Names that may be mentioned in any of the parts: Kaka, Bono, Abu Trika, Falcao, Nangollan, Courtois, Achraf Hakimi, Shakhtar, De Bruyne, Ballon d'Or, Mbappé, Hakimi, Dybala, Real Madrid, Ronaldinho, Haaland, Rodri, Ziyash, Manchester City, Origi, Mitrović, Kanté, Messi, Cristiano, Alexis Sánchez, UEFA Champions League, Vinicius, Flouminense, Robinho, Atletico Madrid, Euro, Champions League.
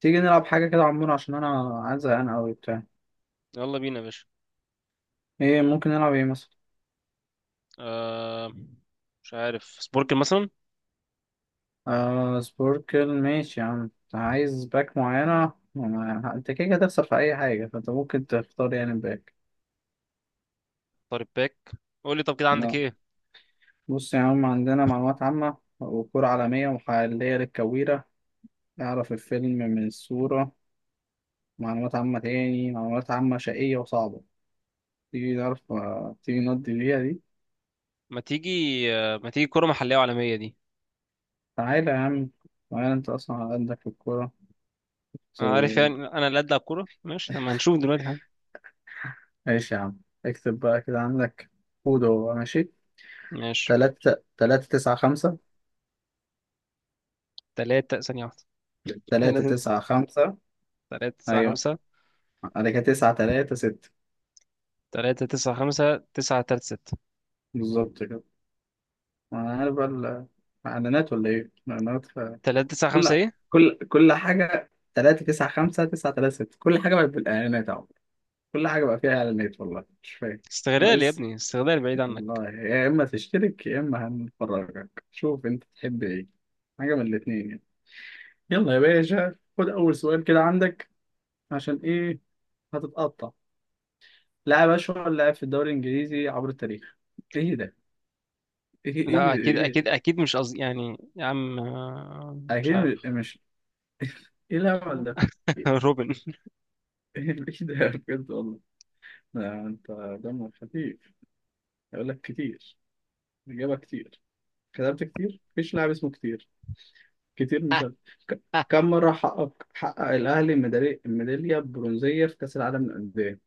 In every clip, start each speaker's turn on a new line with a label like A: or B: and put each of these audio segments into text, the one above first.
A: تيجي نلعب حاجة كده عمور عشان أنا عايز أنا أوي بتاع.
B: يلا بينا يا باشا.
A: إيه ممكن نلعب إيه مثلا؟
B: آه، مش عارف، سبوركل مثلا.
A: سبوركل ماشي يا عم، أنت عايز باك معينة. أنت كده كده هتخسر في أي حاجة، فأنت ممكن تختار يعني باك.
B: طارق باك. قول لي، طب كده عندك
A: لا،
B: ايه؟
A: بص يا عم، عندنا معلومات عامة وكرة عالمية ومحلية للكويرة، نعرف الفيلم من الصورة، معلومات عامة تاني، معلومات عامة شقية وصعبة. تيجي نعرف تيجي نقضي فيها دي.
B: ما تيجي. آه، ما تيجي كرة محلية وعالمية دي.
A: تعالى يا عم، تعالى أنت أصلا على قدك في
B: انا عارف
A: الكورة.
B: يعني، انا اللي ادلع كورة. ماشي، طب ما هنشوف دلوقتي. ها؟
A: ماشي يا عم، اكتب بقى كده عندك كود هو ماشي.
B: ماشي.
A: تلاتة تلاتة تسعة خمسة.
B: تلاتة، ثانية واحدة.
A: تلاتة
B: تلاتة
A: تسعة خمسة.
B: تلاتة تسعة
A: أيوة،
B: خمسة.
A: أنا كده تسعة تلاتة ستة.
B: تلاتة تسعة خمسة تسعة تلاتة ستة.
A: بالظبط كده. أنا عارف بقى إعلانات ولا إيه؟
B: تلاتة تسعة خمسة
A: كل
B: ايه؟
A: كل حاجة تلاتة تسعة خمسة تسعة تلاتة ستة، كل حاجة بقت بالإعلانات أهو، كل حاجة بقى فيها إعلانات، والله مش فاهم.
B: استغلال يا
A: ناقص،
B: ابني، استغلال بعيد عنك.
A: والله يا إما تشترك يا إما هنفرجك، شوف أنت تحب إيه، حاجة من الاتنين يعني. يلا يا باشا، خد أول سؤال كده عندك. عشان ايه؟ هتتقطع. لاعب، اشهر لاعب في الدوري الانجليزي عبر التاريخ. ايه ده؟ ايه ايه
B: لا، اكيد
A: ايه.
B: اكيد اكيد مش قصدي يعني يا عم. آه، مش
A: اكيد
B: عارف.
A: ايه الهبل ده؟ ايه؟
B: روبن
A: ايه ده بجد والله. ده انت دمك خفيف. يقول لك كتير، الاجابه كتير، كتبت كتير، مفيش لاعب اسمه كتير، كتير، مش عارف. ك- كم مره حقق الاهلي الميداليه البرونزيه في كاس العالم للانديه؟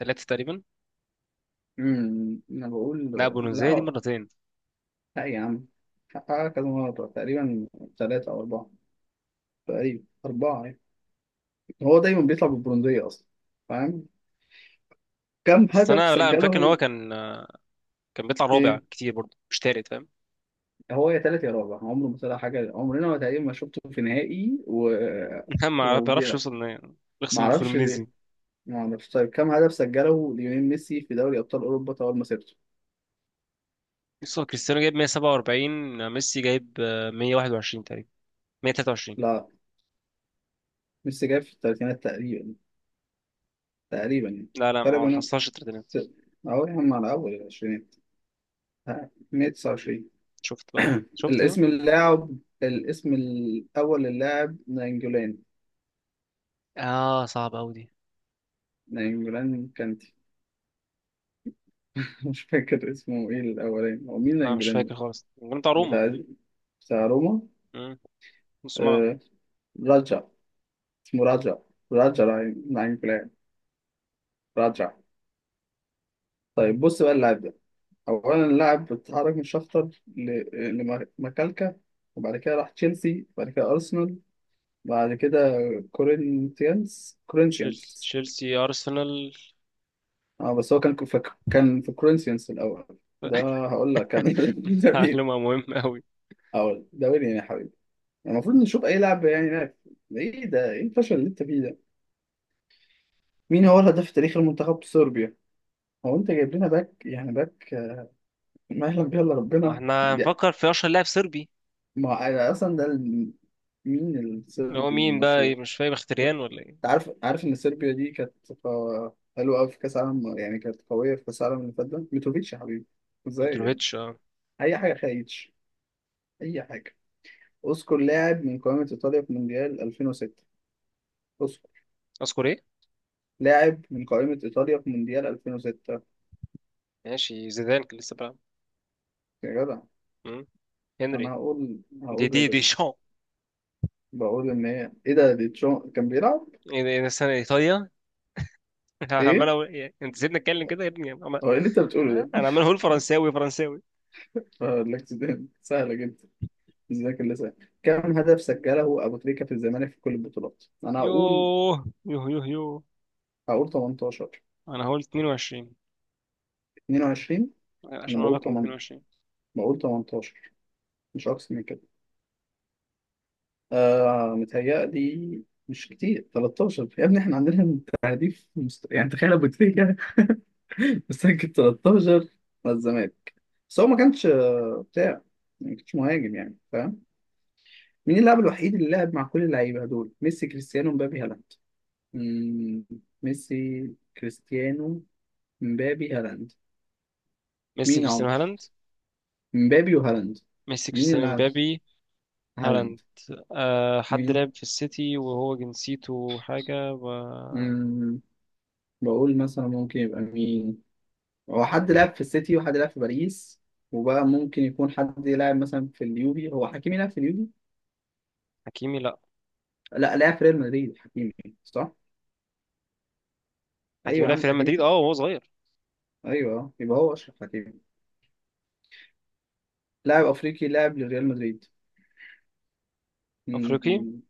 B: ثلاثة تقريبا.
A: انا بقول،
B: لا، بولونزيه دي
A: لا،
B: مرتين.
A: لا يا عم، حققها كذا مره، تقريبا ثلاثه او اربعه، تقريبا أربعة يعني. هو دايما بيطلع بالبرونزية أصلا، فاهم؟ كم
B: بس
A: هدف
B: انا، لا انا فاكر ان هو
A: سجله؟
B: كان بيطلع رابع
A: إيه،
B: كتير برضه، مش تالت، فاهم؟
A: هو يا تالت يا رابع، عمره ما طلع حاجة، عمرنا ما تقريبا ما شفته في نهائي، و
B: ما بيعرفش
A: وبيلعب،
B: يوصل. إن-
A: ما
B: يخسر من
A: أعرفش
B: فلومينيزي.
A: ليه، ما أعرفش. طيب، كم هدف سجله ليونيل ميسي في دوري أبطال أوروبا طوال مسيرته؟
B: بص، هو كريستيانو جايب 147. ميسي جايب 121 تقريبا. 123.
A: لا، ميسي جاي في الثلاثينات تقريبا، تقريبا يعني.
B: لا لا،
A: فرق
B: ما
A: بينهم
B: حصلش التلاتينات.
A: ست- أهو يا عم على أول العشرينات. ها، 129.
B: شفت بقى؟ شفت بقى؟
A: الاسم اللاعب، الاسم الأول للاعب نانجولان.
B: اه، صعب قوي دي.
A: نانجولان كانتي. مش فاكر اسمه ايه الاولاني، هو مين
B: لا مش
A: نانجولان ده؟
B: فاكر خالص، كان بتاع روما.
A: بتاع بتاع روما.
B: مم. نص ملعب.
A: آه... راجع، اسمه راجع، راجع، نانجولان، راجع. طيب بص بقى اللاعب ده، اولا اللاعب اتحرك من شختر ل... لمكالكا، وبعد كده راح تشيلسي، وبعد كده ارسنال، بعد كده كورinthians
B: تشيل-
A: كورinthians.
B: تشيلسي، ارسنال.
A: اه بس هو كان في كورنثيانس الاول. ده هقول لك كان ده مين،
B: معلومة مهمة أوي.
A: اقول ده مين يعني يا حبيبي. المفروض نشوف اي لعب يعني لعب. ايه ده؟ ايه الفشل اللي انت فيه ده؟ مين هو الهداف التاريخي لمنتخب صربيا؟ هو انت جايب لنا باك يعني باك، ما يعلم بيه الا
B: هو
A: ربنا
B: احنا هنفكر في أشهر لاعب صربي؟
A: ما أنا اصلا ده مين
B: اللي هو
A: الصربي
B: مين بقى،
A: المشهور؟
B: مش فاهم، مختريان ولا ايه؟
A: انت عارف، ان صربيا دي كانت حلوه قوي في كاس عالم، يعني كانت قويه في كاس العالم اللي فات ده. ميتروفيتش يا حبيبي. ازاي يعني؟
B: متروفيتش، اه.
A: اي حاجه خايتش، اي حاجه. اذكر لاعب من قائمه ايطاليا في مونديال 2006. اذكر
B: اذكر إيه؟
A: لاعب من قائمه ايطاليا في مونديال 2006.
B: ماشي، زيدان كان لسه بيلعب.
A: يا جدع،
B: مم. هنري.
A: انا هقول
B: دي
A: هقول
B: دي دي
A: ريبري.
B: شان.
A: بقول ان هي ايه ده دي كان بيلعب.
B: إيه ده سنة ايطاليا؟
A: ايه؟
B: إيه، انت سيبني اتكلم كده يا ابني عمال-.
A: هو ايه اللي انت بتقوله ده؟
B: انا عمال اقول فرنساوي فرنساوي.
A: الاكسدام سهله جدا. ازاي كان سهل؟ كم هدف سجله ابو تريكه في الزمالك في كل البطولات؟ انا هقول
B: يوه يوه يوه يوه.
A: هقول 18.
B: انا هقول 22.
A: 22. انا
B: عشان اقول
A: بقول
B: لكم
A: 8،
B: 22.
A: بقول 18، مش اكتر من كده. آه، متهيألي مش كتير، 13 يا ابني. احنا عندنا تهديف يعني تخيل، ابو تريكه مسجل 13 مع الزمالك. بس هو ما كانش بتاع يعني، ما كانش مهاجم يعني، فاهم؟ مين اللاعب الوحيد اللي لعب مع كل اللعيبه دول، ميسي كريستيانو مبابي هالاند؟ مم، ميسي كريستيانو مبابي هالاند.
B: ميسي
A: مين
B: كريستيانو
A: عمر
B: هالاند.
A: مبابي وهالاند؟
B: ميسي
A: مين اللي
B: كريستيانو
A: لعب
B: مبابي هالاند.
A: هالاند؟
B: أه، حد
A: مين؟
B: لعب في السيتي وهو جنسيته حاجة و...
A: مم، بقول مثلا ممكن يبقى مين. هو
B: لا.
A: حد لعب في السيتي وحد لعب في باريس، وبقى ممكن يكون حد لعب مثلا في اليوفي. هو حكيمي لعب في اليوفي؟
B: حكيمي لا.
A: لا، لعب في ريال مدريد حكيمي. صح،
B: حكيمي
A: ايوه يا
B: لعب في
A: عم
B: ريال
A: حكيمي.
B: مدريد، اه، وهو صغير.
A: ايوه، يبقى هو اشرف حكيمي. لاعب افريقي لاعب لريال مدريد.
B: افريقي.
A: مم.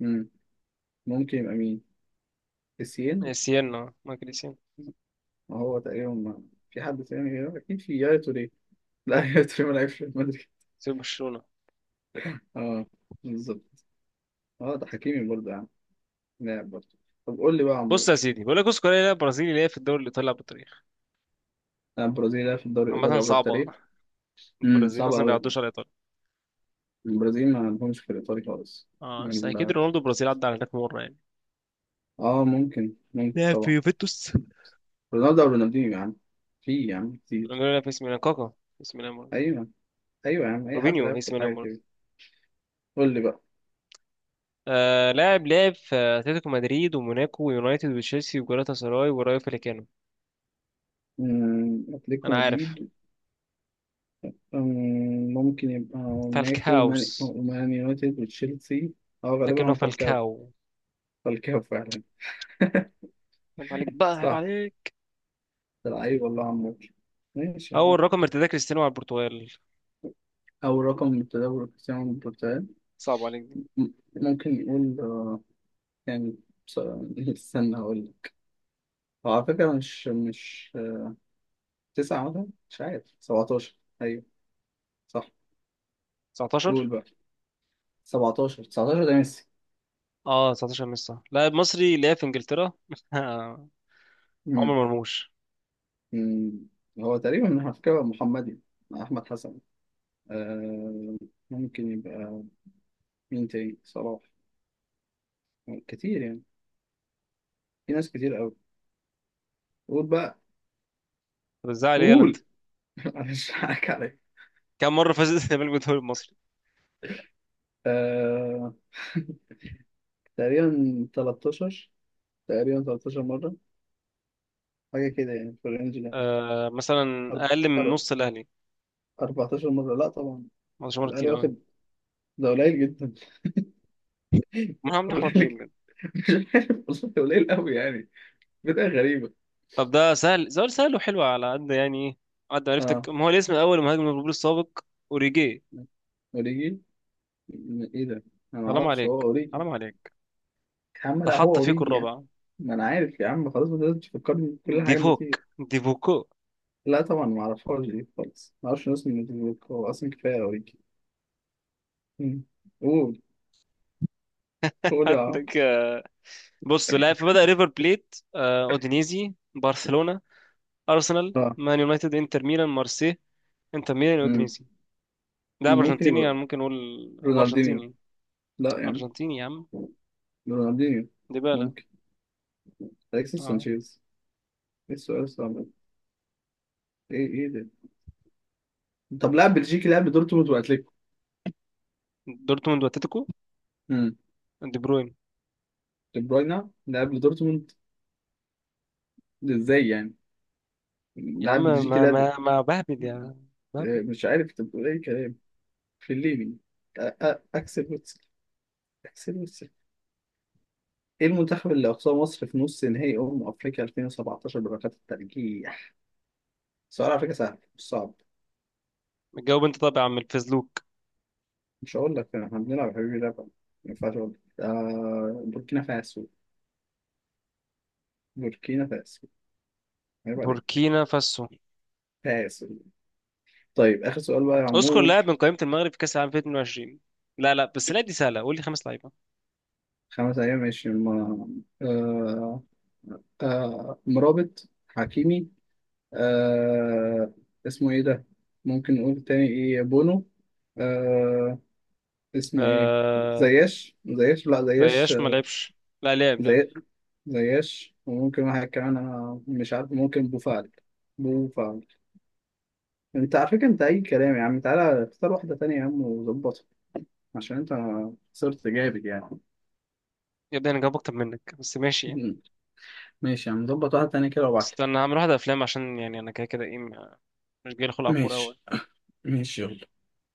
A: مم. ممكن يبقى مين؟ السين.
B: سيانا، مايكل سيانا.
A: هو تقريبا في حد تاني غيره، اكيد في، يا توري. لا، يا توري ما لعبش في ريال مدريد.
B: سيب برشلونة.
A: اه، بالظبط. اه، ده حكيمي برضه يعني، لاعب برضه. طب قول لي بقى يا
B: بص
A: عمرو.
B: يا سيدي، بقول لك، بص، كوريا لعب برازيلي اللي هي في الدوري الايطالي، لعب بالتاريخ.
A: البرازيل لعب في الدوري الايطالي
B: عامة
A: عبر
B: صعبة.
A: التاريخ.
B: البرازيل
A: صعب
B: اصلا ما
A: قوي.
B: بيعدوش على ايطاليا.
A: البرازيل ما عندهمش في الايطالي خالص.
B: اه، بس اكيد
A: ال-
B: رونالدو البرازيل عدى على هناك مرة يعني.
A: اه، ممكن، ممكن
B: لعب في
A: طبعا.
B: يوفنتوس.
A: رونالدو او رونالدينيو يعني، في يعني كتير.
B: رونالدو لعب في اسم ميلان، كاكا في اسم ميلان برضه.
A: ايوه، ايوه يا عم، اي حد
B: روبينيو في
A: لعب في
B: اسم
A: الحاجه
B: ميلان برضه.
A: كده. قول لي بقى.
B: آه، لاعب لعب في اتلتيكو مدريد وموناكو ويونايتد وتشيلسي وجالاتا سراي ورايو فاليكانو.
A: أتلتيكو
B: انا عارف.
A: مدريد. ممكن يبقى موناكو
B: فالكاوز.
A: ومان يونايتد وتشيلسي. أو غالبا
B: لكنه
A: هو فالكاو.
B: فالكاو.
A: فالكاو فعلا،
B: عيب عليك بقى، عيب
A: صح.
B: عليك.
A: ده لعيب والله عمور، ماشي يعني.
B: اول رقم ارتداه كريستيانو على البرتغال؟
A: أول رقم من التدور كريستيانو من البرتغال.
B: صعب عليك دي.
A: م- ممكن نقول يعني بص- استنى أقول لك. هو على فكرة مش تسعة مثلا، مش عارف 17. أيوه، صح. قول
B: 19.
A: بقى. 17، 19 ده ميسي.
B: اه، 19 مش صح. لاعب مصري لعب في انجلترا عمر مرموش.
A: مم. هو تقريبا على فكرة محمدي مع أحمد حسن. آه، ممكن يبقى مين تاني، صلاح؟ كتير يعني، في ناس كتير أوي. قول بقى.
B: طب ازاي عليه؟ يلا انت.
A: قول. أنا مش هضحك عليك.
B: كم مره فاز الزمالك بالدوري المصري؟
A: آه، تقريبا 13، تقريبا 13 مرة، حاجة كده يعني في الرينج ده.
B: آه، مثلا
A: أرب-
B: اقل من
A: أر-
B: نص الاهلي.
A: 14 مرة، لا طبعا،
B: 19 مره
A: الأهلي
B: كتير قوي.
A: واخد، ده قليل جدا.
B: ما عم نحور
A: قليل
B: ليه
A: جدا،
B: بجد؟
A: مش عارف، والله قليل أوي يعني. بداية غريبة.
B: طب ده سهل، سؤال سهل وحلو على قد يعني ايه، قد
A: اه،
B: معرفتك. ما هو الاسم الاول مهاجم ليفربول السابق؟ اوريجي.
A: أوريجي. إيه ده؟ أنا
B: حرام
A: معرفش هو
B: عليك،
A: أوريجي.
B: حرام عليك.
A: يا عم
B: ده
A: لا، هو
B: حط فيكو
A: اوريجي يعني،
B: الرابع.
A: ما انا عارف يا عم، خلاص ما تقدرش تفكرني بكل حاجه، ما
B: ديفوك،
A: تيجي.
B: ديفوكو.
A: لا طبعا، ما اعرفهاش دي خالص، ما اعرفش ناس من نوتيفوك، هو اصلا كفايه اوريجي. مم. قول، قول يا عم.
B: عندك بص، لاعب. فبدأ ريفر بليت، اودينيزي، برشلونة، أرسنال،
A: اه.
B: مان يونايتد، إنتر ميلان، مارسي، إنتر ميلان،
A: مم.
B: أودينيزي. ده
A: ممكن
B: أرجنتيني
A: يبقى
B: يعني، ممكن نقول. هو
A: رونالدينيو.
B: أرجنتيني.
A: لا يا عم
B: أرجنتيني يا عم.
A: رونالدينيو،
B: ديبالا.
A: ممكن اليكسيس
B: اه،
A: سانشيز. ايه السؤال الصعب ده؟ ايه، ايه ده. طب لاعب بلجيكي لاعب لدورتموند واتليتيكو.
B: دورتموند وأتلتيكو.
A: مم.
B: دي بروين.
A: دي بروينا لاعب لدورتموند؟ ده ازاي يعني،
B: يا عم
A: لاعب بلجيكي
B: ما
A: لاعب.
B: ما ما بهبد، يا، بهبد.
A: مش عارف انت بتقول ايه كلام. في الليبي، اكسل، حسين السيف. ايه المنتخب اللي اقصاه مصر في نص نهائي افريقيا 2017 بركات الترجيح؟ سؤال على فكره سهل مش صعب.
B: جاوب أنت طبعا يا عم الفزلوك.
A: مش هقول لك، احنا بنلعب يا حبيبي لعبه، ما ينفعش اقول لك. آه، بوركينا فاسو. بوركينا فاسو، عيب عليك،
B: بوركينا فاسو.
A: فاسو. طيب اخر سؤال بقى يا
B: اذكر
A: عمور.
B: لاعب من قائمة المغرب في كأس العالم 2022. لا لا بس، لا دي سهلة، قول لي خمس لعيبة.
A: خمس ايام ماشي ما... آه... مرابط، حكيمي. آه... اسمه ايه ده؟ ممكن نقول تاني ايه، بونو. آه... اسمه ايه؟
B: آه.
A: زياش، لا زياش.
B: زياش ما لعبش. لا لعب، لعب.
A: زي، زياش، وممكن واحد كمان، انا مش عارف، ممكن بوفعل، بوفعل. انت على فكره انت اي كلام يا عم، تعالى اختار واحده تانية يا عم وظبطها، عشان انت صرت جامد يعني.
B: يا ابني انا جاوب اكتر منك، بس ماشي يعني.
A: مم. ماشي يا عم، ظبط واحده تانية كده وابعتلي.
B: استنى هعمل واحدة افلام، عشان يعني انا كده كده ايه، مش جاي خلق على الكورة
A: ماشي.
B: أوي.
A: ماشي، يلا.